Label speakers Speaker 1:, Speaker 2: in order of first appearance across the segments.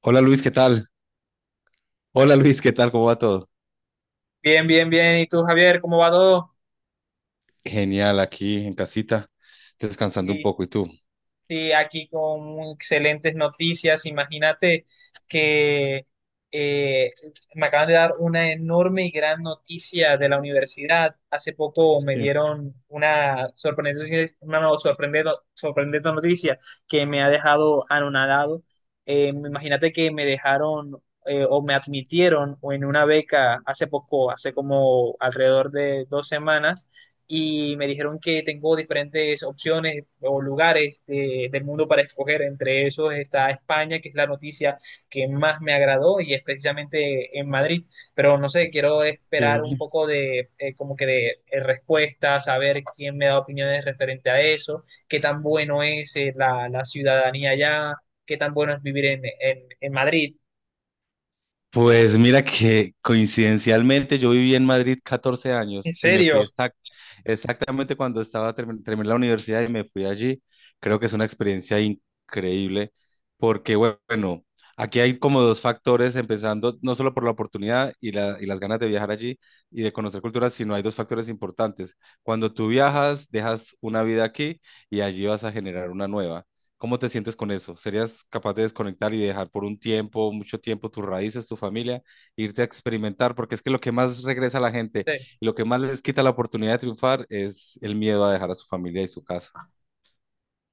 Speaker 1: Hola Luis, ¿qué tal? ¿Cómo va todo?
Speaker 2: Bien, bien, bien. ¿Y tú, Javier, cómo va todo?
Speaker 1: Genial, aquí en casita, descansando un
Speaker 2: Sí,
Speaker 1: poco. ¿Y tú?
Speaker 2: sí, aquí con excelentes noticias. Imagínate que eh, me acaban de dar una enorme y gran noticia de la universidad. Hace poco me
Speaker 1: Sí,
Speaker 2: dieron una sorprendente, una no- sorprendente, sorprendente noticia que me ha dejado anonadado. Imagínate que me dejaron o me admitieron en una beca hace poco, hace como alrededor de 2 semanas y me dijeron que tengo diferentes opciones o lugares del mundo para escoger. Entre esos está España, que es la noticia que más me agradó y es precisamente en Madrid. Pero no sé, quiero
Speaker 1: qué
Speaker 2: esperar un
Speaker 1: bien.
Speaker 2: poco de como que de respuesta, saber quién me da opiniones referente a eso, qué tan bueno es la ciudadanía allá, qué tan bueno es vivir en Madrid.
Speaker 1: Pues mira que coincidencialmente yo viví en Madrid 14
Speaker 2: ¿En
Speaker 1: años y me
Speaker 2: serio?
Speaker 1: fui exactamente cuando terminé la universidad y me fui allí. Creo que es una experiencia increíble porque bueno, aquí hay como dos factores, empezando no solo por la oportunidad y las ganas de viajar allí y de conocer culturas, sino hay dos factores importantes. Cuando tú viajas, dejas una vida aquí y allí vas a generar una nueva. ¿Cómo te sientes con eso? ¿Serías capaz de desconectar y dejar por un tiempo, mucho tiempo, tus raíces, tu familia, e irte a experimentar? Porque es que lo que más regresa a la gente
Speaker 2: Sí.
Speaker 1: y lo que más les quita la oportunidad de triunfar es el miedo a dejar a su familia y su casa.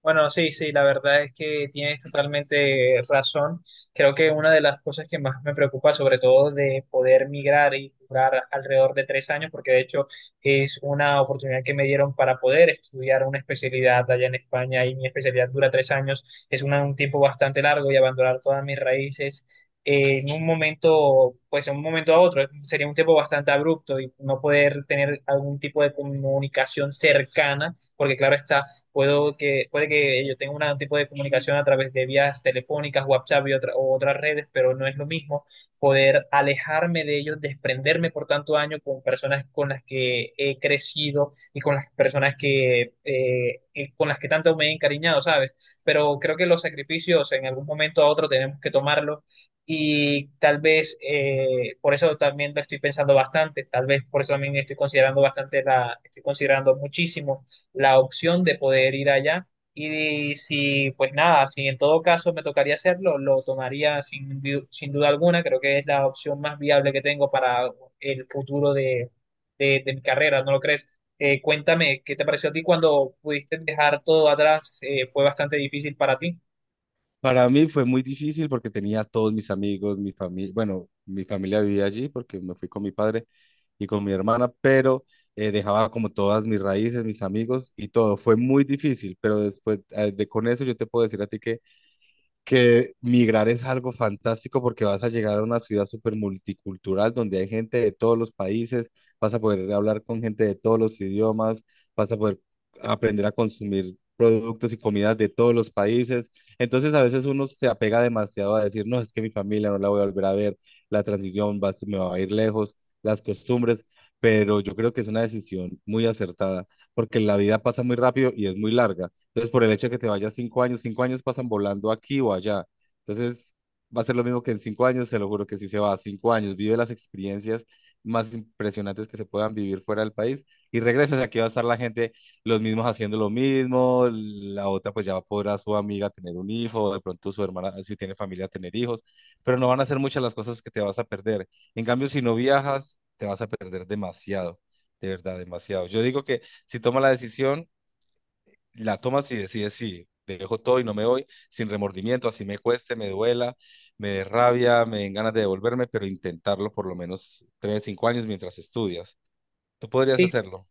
Speaker 2: Bueno, sí, sí, la verdad es que tienes totalmente razón. Creo que una de las cosas que más me preocupa, sobre todo de poder migrar y durar alrededor de 3 años, porque de hecho es una oportunidad que me dieron para poder estudiar una especialidad allá en España y mi especialidad dura 3 años, es un tiempo bastante largo y abandonar todas mis raíces. En un momento, pues en un momento a otro, sería un tiempo bastante abrupto y no poder tener algún tipo de comunicación cercana, porque claro está, puede que yo tenga un tipo de comunicación a través de vías telefónicas, WhatsApp y otra- o otras redes, pero no es lo mismo poder alejarme de ellos, desprenderme por tanto año con personas con las que he crecido y con las personas que, con las que tanto me he encariñado, ¿sabes? Pero creo que los sacrificios en algún momento a otro tenemos que tomarlos y tal vez por eso también lo estoy pensando bastante, tal vez por eso también estoy considerando bastante estoy considerando muchísimo la opción de poder ir allá. Y si, pues nada, si en todo caso me tocaría hacerlo, lo tomaría sin duda alguna. Creo que es la opción más viable que tengo para el futuro de mi carrera, ¿no lo crees? Cuéntame, ¿qué te pareció a ti cuando pudiste dejar todo atrás? ¿Fue bastante difícil para ti?
Speaker 1: Para mí fue muy difícil porque tenía a todos mis amigos, mi familia, bueno, mi familia vivía allí porque me fui con mi padre y con mi hermana, pero dejaba como todas mis raíces, mis amigos y todo. Fue muy difícil, pero después de con eso yo te puedo decir a ti que migrar es algo fantástico porque vas a llegar a una ciudad súper multicultural donde hay gente de todos los países, vas a poder hablar con gente de todos los idiomas, vas a poder aprender a consumir productos y comidas de todos los países. Entonces a veces uno se apega demasiado a decir, no, es que mi familia no la voy a volver a ver, la transición va, se me va a ir lejos, las costumbres, pero yo creo que es una decisión muy acertada porque la vida pasa muy rápido y es muy larga. Entonces, por el hecho de que te vayas cinco años pasan volando aquí o allá. Entonces, va a ser lo mismo que en cinco años, se lo juro que sí se va, cinco años, vive las experiencias más impresionantes que se puedan vivir fuera del país y regresas, aquí va a estar la gente, los mismos haciendo lo mismo, la otra pues ya podrá su amiga tener un hijo, o de pronto su hermana, si tiene familia, tener hijos, pero no van a ser muchas las cosas que te vas a perder. En cambio, si no viajas, te vas a perder demasiado, de verdad, demasiado. Yo digo que si toma la decisión la tomas y decides, sí, dejo todo y no me voy, sin remordimiento, así me cueste, me duela, me dé rabia, me den ganas de devolverme, pero intentarlo por lo menos tres, cinco años mientras estudias. ¿Tú podrías
Speaker 2: Sí,
Speaker 1: hacerlo?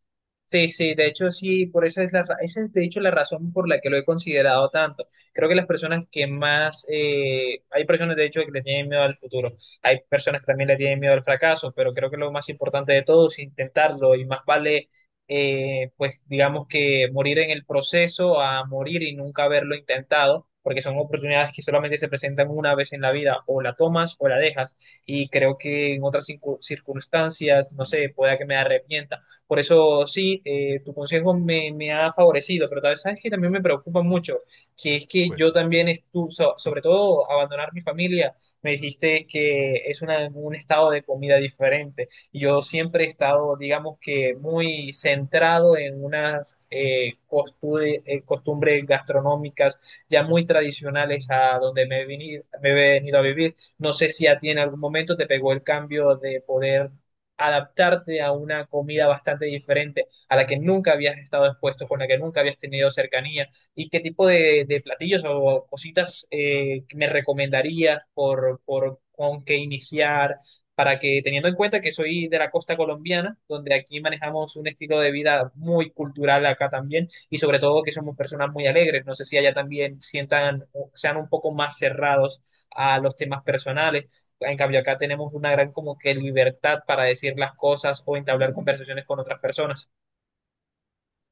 Speaker 2: sí, sí, de hecho sí, por eso es esa es de hecho la razón por la que lo he considerado tanto. Creo que las personas que más, hay personas de hecho que le tienen miedo al futuro, hay personas que también le tienen miedo al fracaso, pero creo que lo más importante de todo es intentarlo y más vale, pues digamos que morir en el proceso a morir y nunca haberlo intentado, porque son oportunidades que solamente se presentan una vez en la vida, o la tomas o la dejas, y creo que en otras circunstancias, no sé, pueda que me arrepienta, por eso sí, tu consejo me ha favorecido, pero tal vez sabes que también me preocupa mucho, que es que yo
Speaker 1: Cuéntame.
Speaker 2: también estuve, sobre todo abandonar mi familia, me dijiste que es un estado de comida diferente. Y yo siempre he estado, digamos que, muy centrado en unas costumbres gastronómicas ya muy tradicionales a donde me he venido a vivir. No sé si a ti en algún momento te pegó el cambio de poder adaptarte a una comida bastante diferente, a la que nunca habías estado expuesto, con la que nunca habías tenido cercanía, y qué tipo de platillos o cositas me recomendarías por con qué iniciar, para que teniendo en cuenta que soy de la costa colombiana, donde aquí manejamos un estilo de vida muy cultural acá también, y sobre todo que somos personas muy alegres, no sé si allá también sientan, sean un poco más cerrados a los temas personales, en cambio, acá tenemos una gran como que libertad para decir las cosas o entablar conversaciones con otras personas.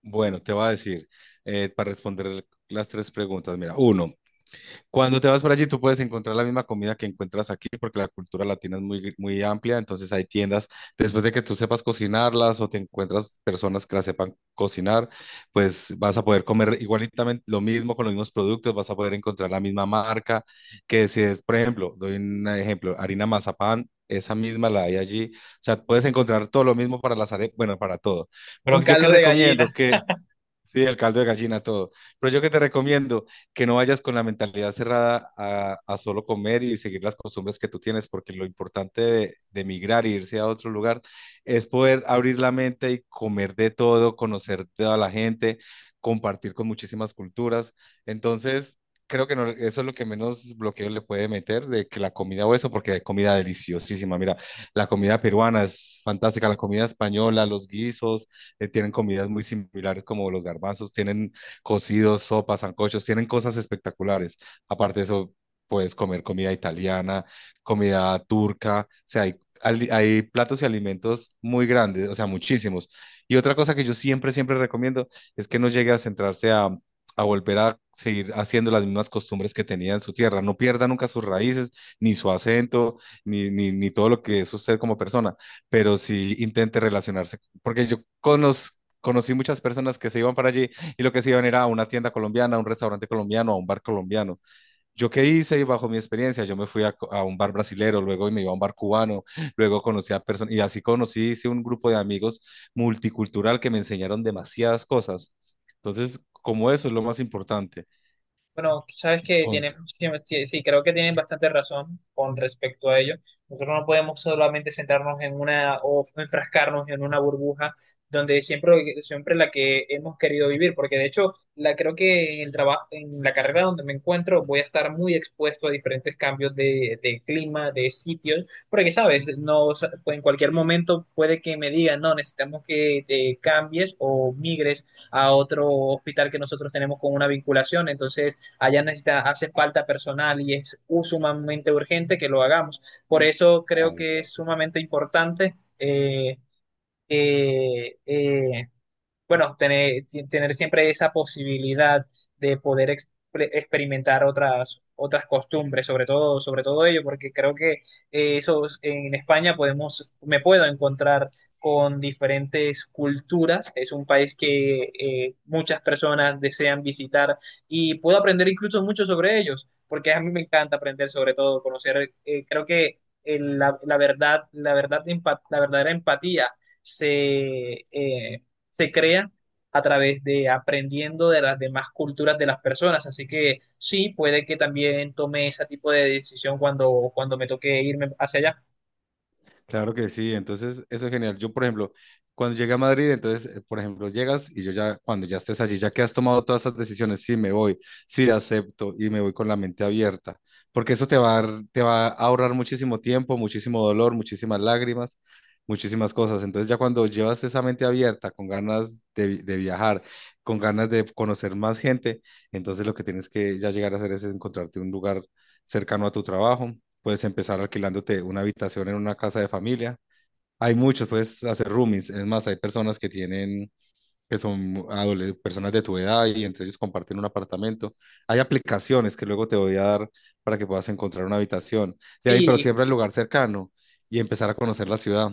Speaker 1: Bueno, te voy a decir, para responder las tres preguntas, mira, uno, cuando te vas para allí, tú puedes encontrar la misma comida que encuentras aquí, porque la cultura latina es muy amplia, entonces hay tiendas, después de que tú sepas cocinarlas o te encuentras personas que las sepan cocinar, pues vas a poder comer igualitamente lo mismo con los mismos productos, vas a poder encontrar la misma marca, que si es, por ejemplo, doy un ejemplo, harina mazapán, esa misma la hay allí, o sea, puedes encontrar todo lo mismo para las arepas, bueno, para todo. Pero
Speaker 2: Un
Speaker 1: yo que
Speaker 2: caldo de gallina.
Speaker 1: recomiendo que... Sí, el caldo de gallina, todo. Pero yo que te recomiendo que no vayas con la mentalidad cerrada a solo comer y seguir las costumbres que tú tienes, porque lo importante de migrar e irse a otro lugar es poder abrir la mente y comer de todo, conocer toda la gente, compartir con muchísimas culturas. Entonces, creo que eso es lo que menos bloqueo le puede meter de que la comida o eso, porque hay comida deliciosísima. Mira, la comida peruana es fantástica, la comida española, los guisos tienen comidas muy similares como los garbanzos, tienen cocidos, sopas, sancochos, tienen cosas espectaculares. Aparte de eso, puedes comer comida italiana, comida turca, o sea, hay platos y alimentos muy grandes, o sea, muchísimos. Y otra cosa que yo siempre recomiendo es que no llegue a centrarse a volver a seguir haciendo las mismas costumbres que tenía en su tierra. No pierda nunca sus raíces, ni su acento, ni todo lo que es usted como persona, pero sí intente relacionarse porque conocí muchas personas que se iban para allí y lo que se iban era a una tienda colombiana, a un restaurante colombiano, a un bar colombiano. ¿Yo qué hice? Y bajo mi experiencia, yo me fui a un bar brasilero, luego me iba a un bar cubano, luego conocí a personas, y así conocí, hice un grupo de amigos multicultural que me enseñaron demasiadas cosas. Entonces, como eso es lo más importante.
Speaker 2: Bueno, sabes que tiene,
Speaker 1: Once.
Speaker 2: sí, sí, creo que tienen bastante razón con respecto a ello. Nosotros no podemos solamente centrarnos en una o enfrascarnos en una burbuja donde siempre, siempre la que hemos querido vivir, porque de hecho, creo que en el trabajo, en la carrera donde me encuentro, voy a estar muy expuesto a diferentes cambios de clima, de sitios, porque sabes, no, o sea, pues, en cualquier momento puede que me digan, no, necesitamos que te cambies o migres a otro hospital que nosotros tenemos con una vinculación, entonces allá necesita, hace falta personal y es sumamente urgente que lo hagamos. Por eso creo que es sumamente importante eh, eh, bueno, tener siempre esa posibilidad de poder experimentar otras, otras costumbres, sobre todo ello, porque creo que en España podemos, me puedo encontrar con diferentes culturas. Es un país que muchas personas desean visitar y puedo aprender incluso mucho sobre ellos, porque a mí me encanta aprender sobre todo, conocer, creo que la verdad, la verdadera empatía se, eh, se crea a través de aprendiendo de las demás culturas de las personas. Así que sí, puede que también tome ese tipo de decisión cuando, cuando me toque irme hacia allá.
Speaker 1: Claro que sí, entonces eso es genial. Yo, por ejemplo, cuando llegué a Madrid, entonces, por ejemplo, llegas y yo ya, cuando ya estés allí, ya que has tomado todas esas decisiones, sí me voy, sí acepto y me voy con la mente abierta, porque eso te te va a ahorrar muchísimo tiempo, muchísimo dolor, muchísimas lágrimas, muchísimas cosas. Entonces ya cuando llevas esa mente abierta, con ganas de viajar, con ganas de conocer más gente, entonces lo que tienes que ya llegar a hacer es encontrarte un lugar cercano a tu trabajo. Puedes empezar alquilándote una habitación en una casa de familia. Hay muchos, puedes hacer roomies. Es más, hay personas que tienen que son personas de tu edad y entre ellos comparten un apartamento. Hay aplicaciones que luego te voy a dar para que puedas encontrar una habitación de ahí, pero
Speaker 2: Sí,
Speaker 1: siempre al lugar cercano y empezar a conocer la ciudad.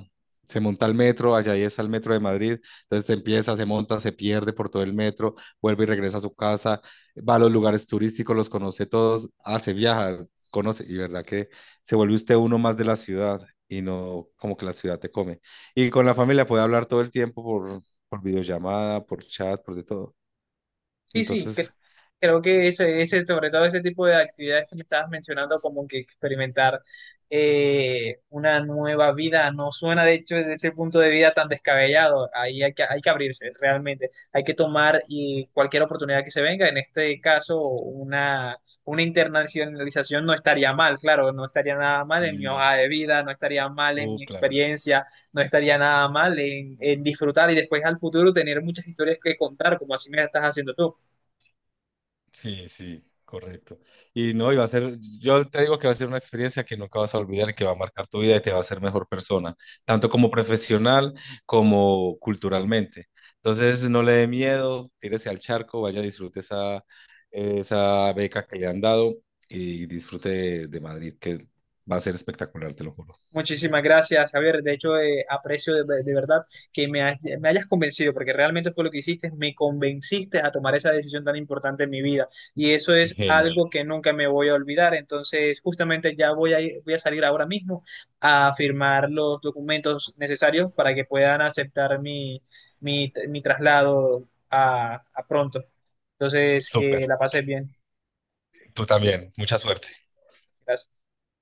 Speaker 1: Se monta el metro, allá ahí está el metro de Madrid, entonces se empieza, se monta, se pierde por todo el metro, vuelve y regresa a su casa, va a los lugares turísticos, los conoce todos, hace viajar, conoce, y verdad que se vuelve usted uno más de la ciudad y no como que la ciudad te come. Y con la familia puede hablar todo el tiempo por videollamada, por chat, por de todo.
Speaker 2: sí, sí,
Speaker 1: Entonces,
Speaker 2: creo que ese, sobre todo ese tipo de actividades que me estabas mencionando, como que experimentar una nueva vida, no suena de hecho desde ese punto de vida tan descabellado. Ahí hay que abrirse, realmente. Hay que tomar y cualquier oportunidad que se venga. En este caso, una internacionalización no estaría mal, claro, no estaría nada mal en mi
Speaker 1: sí,
Speaker 2: hoja de vida, no estaría mal en
Speaker 1: oh,
Speaker 2: mi
Speaker 1: claro,
Speaker 2: experiencia, no estaría nada mal en disfrutar y después al futuro tener muchas historias que contar, como así me estás haciendo tú.
Speaker 1: sí, sí, correcto. Y no, y va a ser, yo te digo que va a ser una experiencia que nunca vas a olvidar, y que va a marcar tu vida y te va a hacer mejor persona, tanto como profesional como culturalmente. Entonces, no le dé miedo, tírese al charco, vaya, disfrute esa, esa beca que le han dado y disfrute de Madrid, que va a ser espectacular, te lo juro.
Speaker 2: Muchísimas gracias, Javier. De hecho, aprecio de verdad que me hayas convencido, porque realmente fue lo que hiciste, me convenciste a tomar esa decisión tan importante en mi vida. Y eso es
Speaker 1: Genial,
Speaker 2: algo que nunca me voy a olvidar. Entonces, justamente ya voy a salir ahora mismo a firmar los documentos necesarios para que puedan aceptar mi traslado a pronto. Entonces, que
Speaker 1: súper.
Speaker 2: la pases bien.
Speaker 1: Tú también, mucha suerte.
Speaker 2: Gracias.